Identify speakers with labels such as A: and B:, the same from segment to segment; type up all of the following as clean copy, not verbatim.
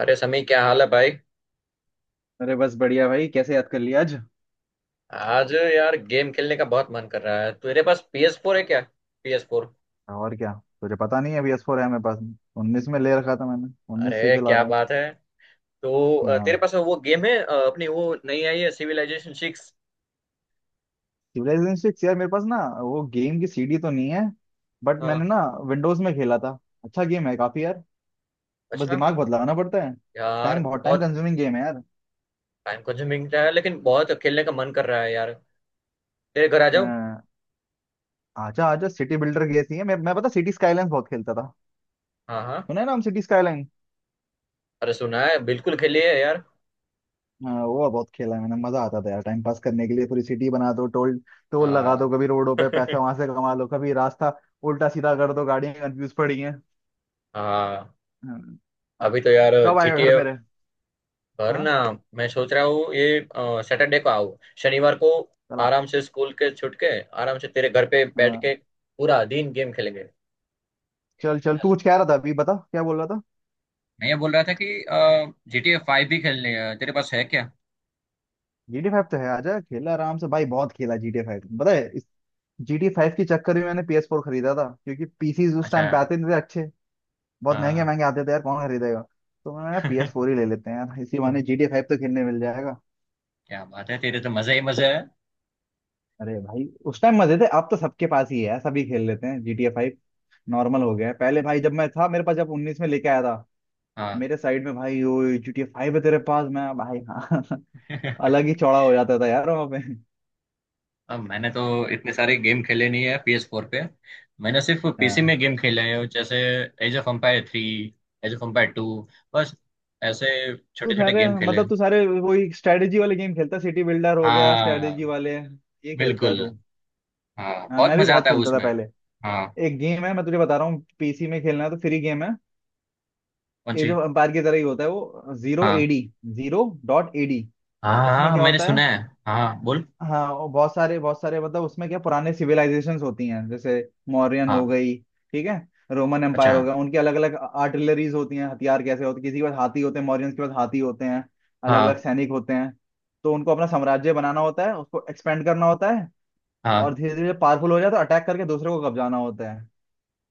A: अरे समी, क्या हाल है भाई।
B: अरे बस बढ़िया भाई। कैसे याद कर लिया आज?
A: आज यार गेम खेलने का बहुत मन कर रहा है, तेरे पास PS4 फोर है क्या? PS4 फोर
B: और क्या। तुझे पता नहीं है बी एस फोर है मेरे पास। 19 में ले रखा था मैंने, 19 से
A: अरे
B: चला
A: क्या
B: रहा हूँ।
A: बात है। तो तेरे
B: हाँ।
A: पास वो गेम है, अपनी वो नई आई है सिविलाइजेशन सिक्स।
B: सिविलाइजेशन सिक्स यार मेरे पास ना वो गेम की सीडी तो नहीं है। बट मैंने
A: हाँ।
B: ना विंडोज में खेला था। अच्छा गेम है काफी यार। बस
A: अच्छा।
B: दिमाग बहुत लगाना पड़ता है।
A: यार
B: टाइम
A: बहुत
B: कंज्यूमिंग गेम है यार।
A: टाइम कंज्यूमिंग है लेकिन बहुत खेलने का मन कर रहा है यार, तेरे घर आ
B: अ,
A: जाओ।
B: आजा आजा। सिटी बिल्डर गेसी है। मैं पता सिटी स्काईलाइंस बहुत खेलता था।
A: हाँ हाँ।
B: सुना है ना हम सिटी स्काईलाइन।
A: अरे सुना है, बिल्कुल खेलिए यार।
B: हाँ वो बहुत खेला है मैंने। मजा आता था यार टाइम पास करने के लिए। पूरी सिटी बना दो। टोल टोल लगा दो,
A: हाँ।
B: कभी रोडों पे पैसे वहां से कमा लो, कभी रास्ता उल्टा सीधा कर दो, गाड़ियां कंफ्यूज पड़ी हैं।
A: हाँ।
B: हाँ।
A: अभी तो यार।
B: कब
A: जी
B: आएगा
A: टी
B: घर
A: ए।
B: मेरे?
A: घर ना।
B: हाँ।
A: मैं सोच रहा हूँ ये। सैटरडे को आओ, शनिवार को।
B: चला।
A: आराम से स्कूल के छुट के, आराम से तेरे घर पे बैठ
B: हाँ।
A: के पूरा दिन गेम खेलेंगे।
B: चल चल, तू
A: चल।
B: कुछ कह रहा था अभी, बता क्या बोल रहा था।
A: मैं ये बोल रहा था कि GTA 5 भी खेलने है, तेरे पास है क्या?
B: GTA 5 तो है, आजा खेला आराम से भाई। बहुत खेला GTA 5। पता है, इस GTA 5 के चक्कर में मैंने PS4 फोर खरीदा था, क्योंकि पीसी उस
A: अच्छा।
B: टाइम पे आते नहीं थे अच्छे। बहुत महंगे
A: हाँ।
B: महंगे आते थे यार, कौन खरीदेगा। तो मैंने
A: क्या
B: PS4 ही ले लेते हैं यार, इसी बहाने GTA 5 तो खेलने मिल जाएगा।
A: बात है, तेरे तो मजे ही मजे है।
B: अरे भाई, उस टाइम मजे थे, अब तो सबके पास ही है यार, सभी खेल लेते हैं GTA 5। नॉर्मल हो गया है। पहले भाई जब मैं था, मेरे पास जब 19 में लेके आया था,
A: हाँ।
B: मेरे साइड में भाई, ओ GTA 5 है तेरे पास? मैं भाई हाँ अलग ही चौड़ा हो जाता था यार वहाँ पे।
A: अब मैंने तो इतने सारे गेम खेले नहीं है PS4 फोर पे। मैंने सिर्फ पीसी में
B: हाँ।
A: गेम खेले हैं जैसे age of empire three, age of empire two. बस, ऐसे
B: तू
A: छोटे छोटे
B: सारे,
A: गेम खेले
B: मतलब
A: हैं।
B: तू सारे वही स्ट्रेटेजी वाले गेम खेलता, सिटी बिल्डर हो गया,
A: हाँ,
B: स्ट्रेटेजी वाले ये खेलता है
A: बिल्कुल।
B: तू।
A: हाँ,
B: हाँ
A: बहुत
B: मैं भी
A: मजा
B: बहुत
A: आता है
B: खेलता था
A: उसमें।
B: पहले।
A: हाँ।
B: एक गेम है मैं तुझे बता रहा हूँ, पीसी में खेलना है तो फ्री गेम है।
A: कौन
B: एज
A: सी?
B: ऑफ एम्पायर की तरह ही होता है वो, जीरो
A: हाँ
B: एडी। Zero dot A D.
A: हाँ हाँ,
B: उसमें
A: हाँ,
B: क्या
A: मैंने
B: होता है,
A: सुना है। हाँ हाँ, बोल।
B: हाँ, और बहुत सारे बहुत सारे, मतलब उसमें क्या पुराने सिविलाइजेशंस होती हैं जैसे मौर्यन हो
A: हाँ।
B: गई, ठीक है, रोमन
A: अच्छा।
B: एम्पायर हो गया। उनकी अलग अलग आर्टिलरीज होती हैं, हथियार कैसे होते, किसी के पास हाथी होते हैं, मौर्यंस के पास हाथी होते हैं, अलग अलग
A: हाँ
B: सैनिक होते हैं। तो उनको अपना साम्राज्य बनाना होता है, उसको एक्सपेंड करना होता है,
A: हाँ।
B: और धीरे धीरे पावरफुल हो जाए तो अटैक करके दूसरे को कब्जाना होता है।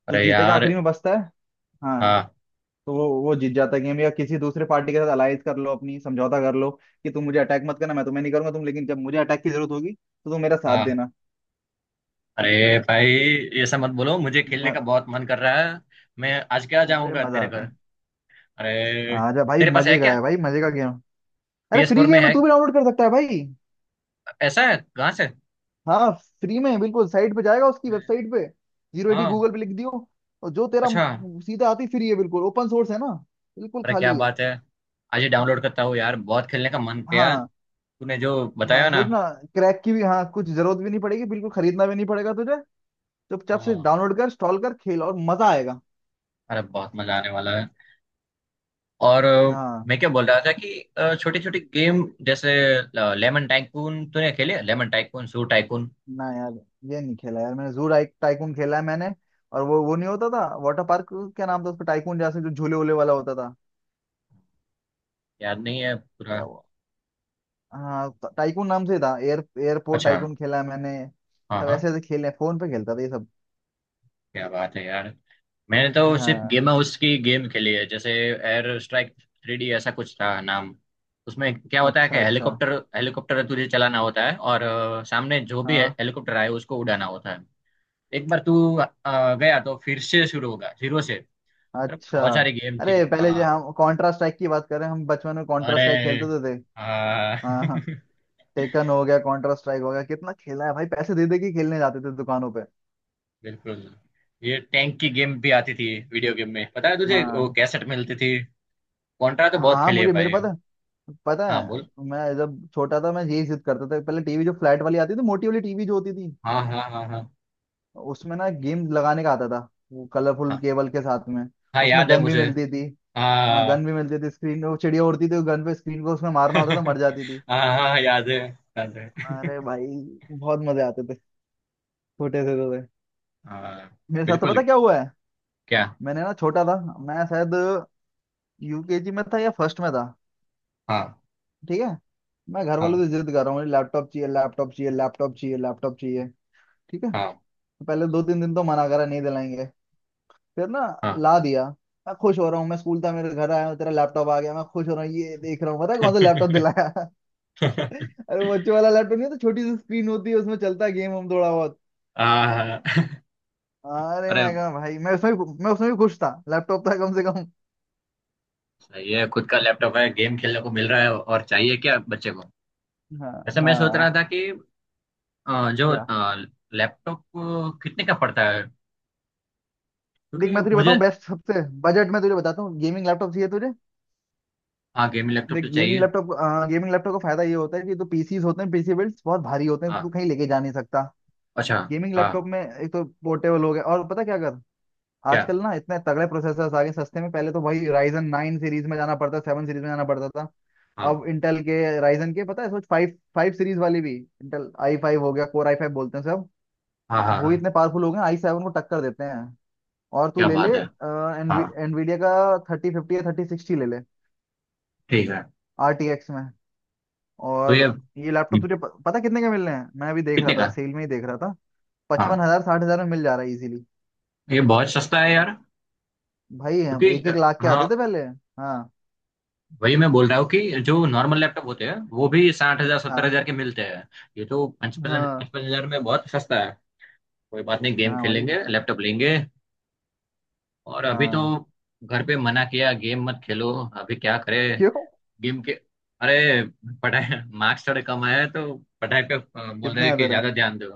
B: जो
A: अरे
B: जीतेगा
A: यार।
B: आखिरी में बचता है, हाँ,
A: हाँ।
B: तो वो जीत जाता है गेम। या किसी दूसरे पार्टी के साथ अलाइज कर लो अपनी, समझौता कर लो कि तुम मुझे अटैक मत करना, मैं तुम्हें नहीं करूंगा तुम, लेकिन जब मुझे अटैक की जरूरत होगी तो तुम मेरा साथ
A: हाँ।
B: देना।
A: अरे भाई, ये सब मत बोलो, मुझे खेलने का
B: म-
A: बहुत मन कर रहा है। मैं आज क्या
B: अरे
A: जाऊंगा
B: मजा
A: तेरे घर?
B: आता है।
A: अरे,
B: आजा भाई,
A: तेरे पास है
B: मजे का
A: क्या?
B: है भाई, मजे का गेम। अरे
A: PS4
B: फ्री
A: फोर में
B: गेम है,
A: है?
B: तू भी डाउनलोड कर सकता है भाई।
A: ऐसा है, कहाँ से?
B: हाँ फ्री में बिल्कुल, साइट पे जाएगा उसकी,
A: अरे,
B: वेबसाइट पे। Zero A
A: D.
B: गूगल पे लिख दियो। और जो तेरा
A: अच्छा।
B: सीधा आती, फ्री है बिल्कुल, ओपन सोर्स है ना। बिल्कुल
A: अरे क्या
B: खाली है।
A: बात है, आज ही डाउनलोड करता हूँ यार, बहुत खेलने का मन किया
B: हाँ।
A: तूने जो
B: हाँ
A: बताया ना।
B: सोचना, क्रैक की भी हाँ कुछ जरूरत भी नहीं पड़ेगी, बिल्कुल खरीदना भी नहीं पड़ेगा तुझे। चुपचाप से
A: हाँ।
B: डाउनलोड कर इंस्टॉल कर खेल और मजा आएगा।
A: अरे, बहुत मजा आने वाला है। और अ,
B: हाँ।
A: मैं क्या बोल रहा था कि छोटी छोटी गेम जैसे लेमन टाइकून, तूने खेले? लेमन टाइकून, सू टाइकून।
B: ना यार, ये नहीं खेला यार मैंने। जू टाइक टाइकून खेला है मैंने। और वो नहीं होता था वाटर पार्क, क्या नाम था उसका, टाइकून जैसे जो झूले वूले वाला होता था।
A: याद नहीं है पूरा।
B: क्या वो, हाँ टाइकून नाम से था। एयर एयरपोर्ट
A: अच्छा।
B: टाइकून खेला है मैंने।
A: हाँ
B: सब
A: हाँ।
B: ऐसे ऐसे खेले हैं, फोन पे खेलता था ये सब।
A: क्या बात है यार, मैंने तो सिर्फ
B: हाँ।
A: गेम हाउस की गेम खेली है जैसे एयर स्ट्राइक 3D, ऐसा कुछ था नाम। उसमें क्या होता है कि
B: अच्छा अच्छा।
A: हेलीकॉप्टर हेलीकॉप्टर तुझे चलाना होता है, और सामने जो भी
B: हाँ।
A: हेलीकॉप्टर आए उसको उड़ाना होता है। एक बार तू गया तो फिर से शुरू होगा जीरो से। मतलब
B: अच्छा।
A: बहुत सारी गेम थी।
B: अरे पहले जो,
A: हाँ।
B: हम कॉन्ट्रा स्ट्राइक की बात करें, हम बचपन में कॉन्ट्रा
A: अरे।
B: स्ट्राइक खेलते तो थे।
A: हाँ।
B: हाँ हाँ। टेकन हो गया, कॉन्ट्रा स्ट्राइक हो गया, कितना खेला है भाई, पैसे दे दे के खेलने जाते थे दुकानों पे।
A: बिल्कुल। ये टैंक की गेम भी आती थी वीडियो गेम में, पता है तुझे वो
B: हाँ
A: कैसेट मिलती थी? कॉन्ट्रा तो बहुत
B: हाँ
A: खेली है
B: मुझे, मेरे
A: भाई।
B: पास तो पता
A: हाँ, बोल।
B: है, मैं जब छोटा था मैं यही जिद करता था, पहले टीवी जो फ्लैट वाली आती थी, मोटी वाली टीवी जो होती थी,
A: हाँ हाँ हाँ हाँ।
B: उसमें ना गेम लगाने का आता था, वो कलरफुल
A: हाँ
B: केबल के साथ में।
A: हाँ,
B: उसमें
A: याद है
B: गन भी
A: मुझे।
B: मिलती थी। हाँ गन
A: हाँ।
B: भी मिलती थी, स्क्रीन वो चिड़िया उड़ती थी, गन पे स्क्रीन को उसमें मारना होता था, मर जाती थी।
A: हाँ हाँ, याद है याद है।
B: अरे भाई बहुत मजे आते थे, छोटे से तो थे।
A: हाँ,
B: मेरे साथ तो
A: बिल्कुल।
B: पता क्या हुआ है,
A: क्या?
B: मैंने ना छोटा था मैं, शायद यूकेजी में था या फर्स्ट में था,
A: हाँ
B: ठीक है, मैं घर वालों
A: हाँ
B: से जिद कर रहा हूँ, लैपटॉप चाहिए लैपटॉप चाहिए लैपटॉप चाहिए लैपटॉप चाहिए, ठीक है,
A: हाँ।
B: पहले दो तीन दिन तो मना करा, नहीं दिलाएंगे, फिर ना
A: हाँ।
B: ला दिया। मैं खुश हो रहा हूँ, मैं स्कूल था, मेरे घर आया हूँ, तेरा लैपटॉप आ गया, मैं खुश हो रहा हूँ, ये देख रहा हूँ पता है कौन सा लैपटॉप दिलाया। अरे वो बच्चों वाला लैपटॉप, नहीं तो छोटी सी स्क्रीन होती है, उसमें चलता है गेम हम थोड़ा बहुत।
A: हाँ।
B: अरे
A: अरे
B: मैं कहा भाई, मैं मैं उसमें भी खुश था, लैपटॉप था कम से कम।
A: सही है, खुद का लैपटॉप है, गेम खेलने को मिल रहा है, और चाहिए क्या बच्चे को?
B: हाँ
A: ऐसे मैं सोच रहा
B: हाँ।
A: था कि जो
B: क्या?
A: लैपटॉप कितने का पड़ता है?
B: देख
A: क्योंकि
B: मैं तुझे
A: मुझे।
B: बताऊँ, बेस्ट सबसे बजट में तुझे बताता हूँ, गेमिंग लैपटॉप चाहिए तुझे?
A: हाँ, गेमिंग लैपटॉप
B: देख
A: तो
B: गेमिंग
A: चाहिए।
B: लैपटॉप, गेमिंग लैपटॉप का फायदा ये होता है कि तो पीसीज होते हैं, पीसी बिल्ड्स बहुत भारी होते हैं, तू
A: हाँ।
B: कहीं लेके जा नहीं सकता।
A: अच्छा।
B: गेमिंग लैपटॉप
A: हाँ।
B: में एक तो पोर्टेबल हो गया, और पता क्या कर,
A: क्या?
B: आजकल ना इतने तगड़े प्रोसेसर्स आ गए सस्ते में। पहले तो भाई राइजन नाइन सीरीज में जाना पड़ता, सेवन सीरीज में जाना पड़ता था। अब
A: हाँ
B: इंटेल के, राइजन के, पता है सोच फाइव फाइव सीरीज वाली भी, इंटेल आई फाइव हो गया, कोर आई फाइव बोलते हैं सब।
A: हाँ हाँ,
B: वो
A: हाँ,
B: इतने पावरफुल हो गए आई सेवन को टक्कर देते हैं। और तू
A: क्या
B: ले
A: बात
B: ले
A: है। हाँ,
B: एनवीडिया का थर्टी फिफ्टी या थर्टी सिक्सटी ले ले,
A: ठीक है।
B: आर टी एक्स में।
A: तो ये
B: और ये लैपटॉप तुझे पता कितने के मिल रहे हैं, मैं अभी देख रहा
A: कितने
B: था,
A: का?
B: सेल में ही देख रहा था।
A: हाँ,
B: 55 हजार 60 हजार में मिल जा रहा है इजीली।
A: ये बहुत सस्ता है यार।
B: भाई हम एक एक लाख के
A: हाँ।
B: आते थे पहले। हाँ
A: वही मैं बोल रहा हूँ कि जो नॉर्मल लैपटॉप होते हैं वो भी 60,000, सत्तर
B: हाँ
A: हजार के मिलते हैं। ये तो पचपन
B: हाँ
A: 55,000 में बहुत सस्ता है। कोई बात नहीं, गेम
B: हाँ भाई
A: खेलेंगे, लैपटॉप लेंगे। और अभी तो
B: हाँ।
A: घर पे मना किया गेम मत खेलो। अभी क्या करे
B: क्यों?
A: गेम के? अरे पढ़ाई, मार्क्स थोड़े कम आए हैं तो पढ़ाई पे बोल रहे
B: कितने
A: हैं कि
B: आते रहे?
A: ज्यादा ध्यान दो।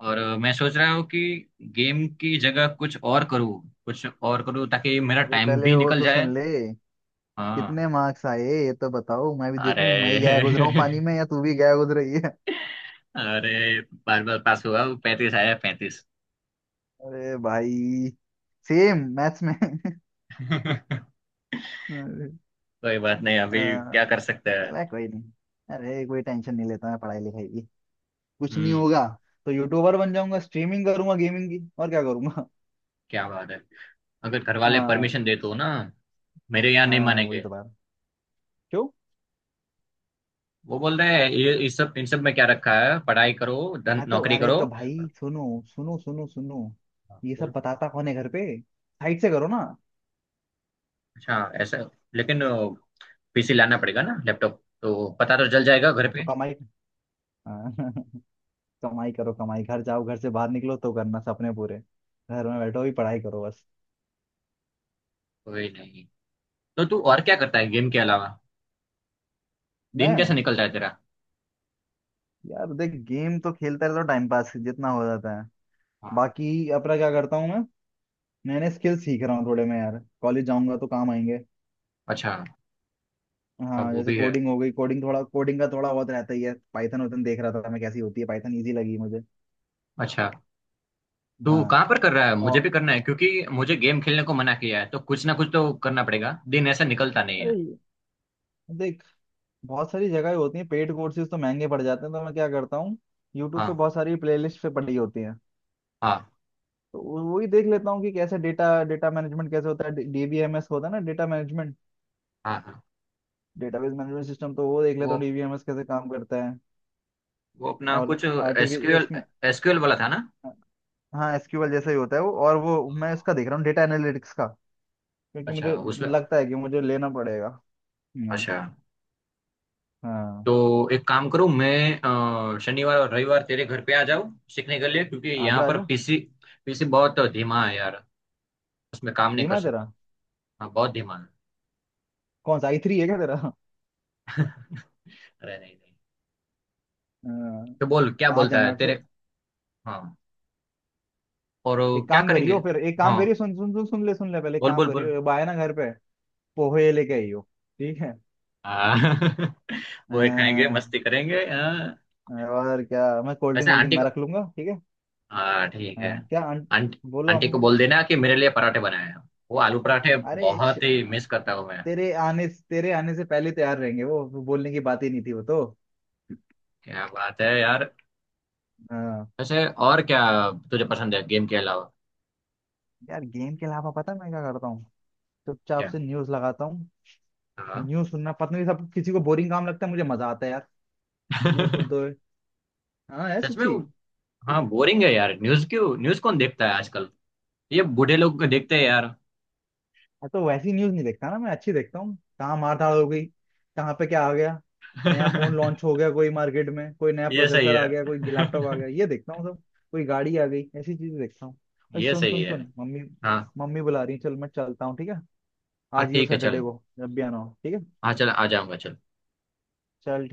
A: मैं सोच रहा हूँ कि गेम की जगह कुछ और करूँ, कुछ और करूँ ताकि मेरा
B: अरे
A: टाइम
B: पहले
A: भी
B: वो
A: निकल
B: तो
A: जाए।
B: सुन ले, कितने
A: हाँ।
B: मार्क्स आए ये तो बताओ, मैं भी
A: अरे।
B: देखूं, मैं ही गया गुजरा हूँ पानी में या तू भी गया गुजर रही है।
A: अरे बार बार पास हुआ, 35 आया, 35।
B: अरे भाई सेम मैथ्स में। अरे,
A: कोई बात नहीं,
B: अ,
A: अभी क्या कर सकते हैं।
B: चला कोई नहीं। अरे कोई टेंशन नहीं लेता मैं पढ़ाई लिखाई की, कुछ नहीं
A: हम्म।
B: होगा। तो यूट्यूबर बन जाऊंगा, स्ट्रीमिंग करूंगा गेमिंग की, और क्या करूंगा।
A: क्या बात है, अगर घर वाले
B: हाँ।
A: परमिशन दे तो ना। मेरे यहाँ नहीं
B: हाँ वही
A: मानेंगे।
B: तो बात। क्यों?
A: वो बोल रहे हैं ये इस सब इन सब में क्या रखा है, पढ़ाई करो, धन
B: हाँ तो
A: नौकरी
B: अरे
A: करो।
B: तो भाई सुनो सुनो सुनो सुनो,
A: हाँ,
B: ये सब
A: बोल।
B: बताता कौन है घर पे, साइड से करो ना।
A: अच्छा, ऐसा। लेकिन पीसी लाना पड़ेगा ना, लैपटॉप तो पता तो चल जाएगा घर
B: हाँ तो
A: पे।
B: कमाई, हाँ, कमाई करो कमाई, घर जाओ, घर से बाहर निकलो तो करना सपने पूरे, घर में बैठो भी पढ़ाई करो बस।
A: कोई नहीं। तो तू और क्या करता है गेम के अलावा? दिन
B: मैं,
A: कैसे निकलता है तेरा?
B: यार देख गेम तो खेलता रहता हूँ, टाइम पास जितना हो जाता है।
A: हाँ।
B: बाकी अपना क्या करता हूँ मैं, नए नए स्किल सीख रहा हूँ थोड़े मैं, यार कॉलेज जाऊंगा तो काम आएंगे।
A: अच्छा। अब
B: हाँ
A: वो
B: जैसे
A: भी है।
B: कोडिंग हो गई, कोडिंग थोड़ा कोडिंग का थोड़ा बहुत रहता ही है, पाइथन वाइथन देख रहा था मैं कैसी होती है, पाइथन इजी लगी मुझे।
A: अच्छा, तू
B: हाँ
A: कहाँ पर कर रहा है?
B: और
A: मुझे भी करना है क्योंकि मुझे गेम खेलने को मना किया है, तो कुछ ना कुछ तो करना पड़ेगा, दिन ऐसा निकलता नहीं है।
B: अरे देख, बहुत सारी जगह होती है पेड कोर्सेज, तो महंगे पड़ जाते हैं, तो मैं क्या करता हूँ, यूट्यूब पे
A: हाँ
B: बहुत सारी प्लेलिस्ट पे पड़ी होती हैं।
A: हाँ।
B: तो वही देख लेता हूँ कि कैसे डेटा, डेटा मैनेजमेंट कैसे होता है, डीबीएमएस होता है ना, डेटा मैनेजमेंट,
A: हाँ हाँ।
B: Database management system. तो वो देख लेता
A: वो,
B: हूँ डीबीएमएस कैसे काम करता है
A: अपना
B: और
A: कुछ
B: आरटीवी
A: एसक्यूएल।
B: उसमें।
A: एसक्यूएल वाला था ना?
B: हाँ एसक्यूएल जैसा ही होता है वो। और वो मैं
A: हाँ,
B: उसका देख रहा हूँ डेटा एनालिटिक्स का, क्योंकि मुझे
A: अच्छा उसमें।
B: लगता है कि मुझे लेना पड़ेगा। हाँ।
A: अच्छा,
B: हाँ,
A: तो एक काम करूं मैं, शनिवार और रविवार तेरे घर पे आ जाऊं सीखने के लिए, क्योंकि यहाँ
B: आजा
A: पर
B: आजा।
A: पीसी पीसी बहुत धीमा है यार, उसमें काम नहीं
B: धीमा
A: कर
B: है तेरा?
A: सकता। हाँ, बहुत धीमा है।
B: कौन सा आई थ्री है क्या तेरा?
A: अरे नहीं नहीं।
B: हाँ,
A: तो बोल, क्या
B: आ
A: बोलता है
B: जाना।
A: तेरे? हाँ। और
B: एक
A: क्या
B: काम करियो,
A: करेंगे?
B: फिर एक काम
A: हाँ,
B: करियो, सुन सुन सुन सुन ले सुन ले, पहले एक
A: बोल
B: काम
A: बोल बोल।
B: करियो, अब आए ना घर पे, पोहे लेके आइयो ठीक है।
A: हाँ। वो ही खाएंगे,
B: अ,
A: मस्ती करेंगे, हाँ।
B: और क्या, मैं कोल्ड ड्रिंक
A: वैसे
B: वोल्ड
A: आंटी
B: ड्रिंक मैं
A: को।
B: रख लूंगा, ठीक है।
A: हाँ, ठीक
B: अ,
A: है।
B: क्या आंट-
A: आंटी
B: बोलो
A: आंटी
B: हम,
A: को बोल देना कि मेरे लिए पराठे बनाए हैं, वो आलू पराठे,
B: अरे श-
A: बहुत ही मिस करता हूँ मैं।
B: तेरे आने, तेरे आने से पहले तैयार रहेंगे वो बोलने की बात ही नहीं थी वो तो।
A: क्या बात है यार।
B: हाँ।
A: वैसे और क्या तुझे पसंद है गेम के अलावा?
B: यार गेम के अलावा पता है मैं क्या करता हूँ, चुपचाप
A: क्या?
B: से न्यूज लगाता हूँ।
A: हाँ।
B: न्यूज सुनना, पता नहीं सब किसी को बोरिंग काम लगता है, मुझे मजा आता है यार न्यूज सुनते हुए। हाँ है
A: सच में
B: सच्ची।
A: वो। हाँ, बोरिंग है यार न्यूज, क्यों? न्यूज कौन देखता है आजकल, ये बूढ़े लोग देखते हैं यार।
B: मैं तो वैसी न्यूज नहीं देखता ना मैं, अच्छी देखता हूँ, कहाँ मार धाड़ हो गई, कहाँ पे क्या आ गया, नया फोन लॉन्च हो गया कोई मार्केट में, कोई नया
A: ये सही
B: प्रोसेसर
A: है।
B: आ गया, कोई लैपटॉप आ गया, ये देखता हूँ सब, कोई गाड़ी आ गई, ऐसी चीजें देखता हूँ भाई।
A: ये
B: सुन
A: सही
B: सुन
A: है।
B: सुन, मम्मी
A: हाँ।
B: मम्मी बुला रही है, चल मैं चलता हूँ, ठीक है,
A: हाँ,
B: आज ही हो,
A: ठीक है,
B: सैटरडे
A: चल।
B: को, जब भी आना हो, ठीक है
A: हाँ, चल आ जाऊंगा, चल।
B: चल।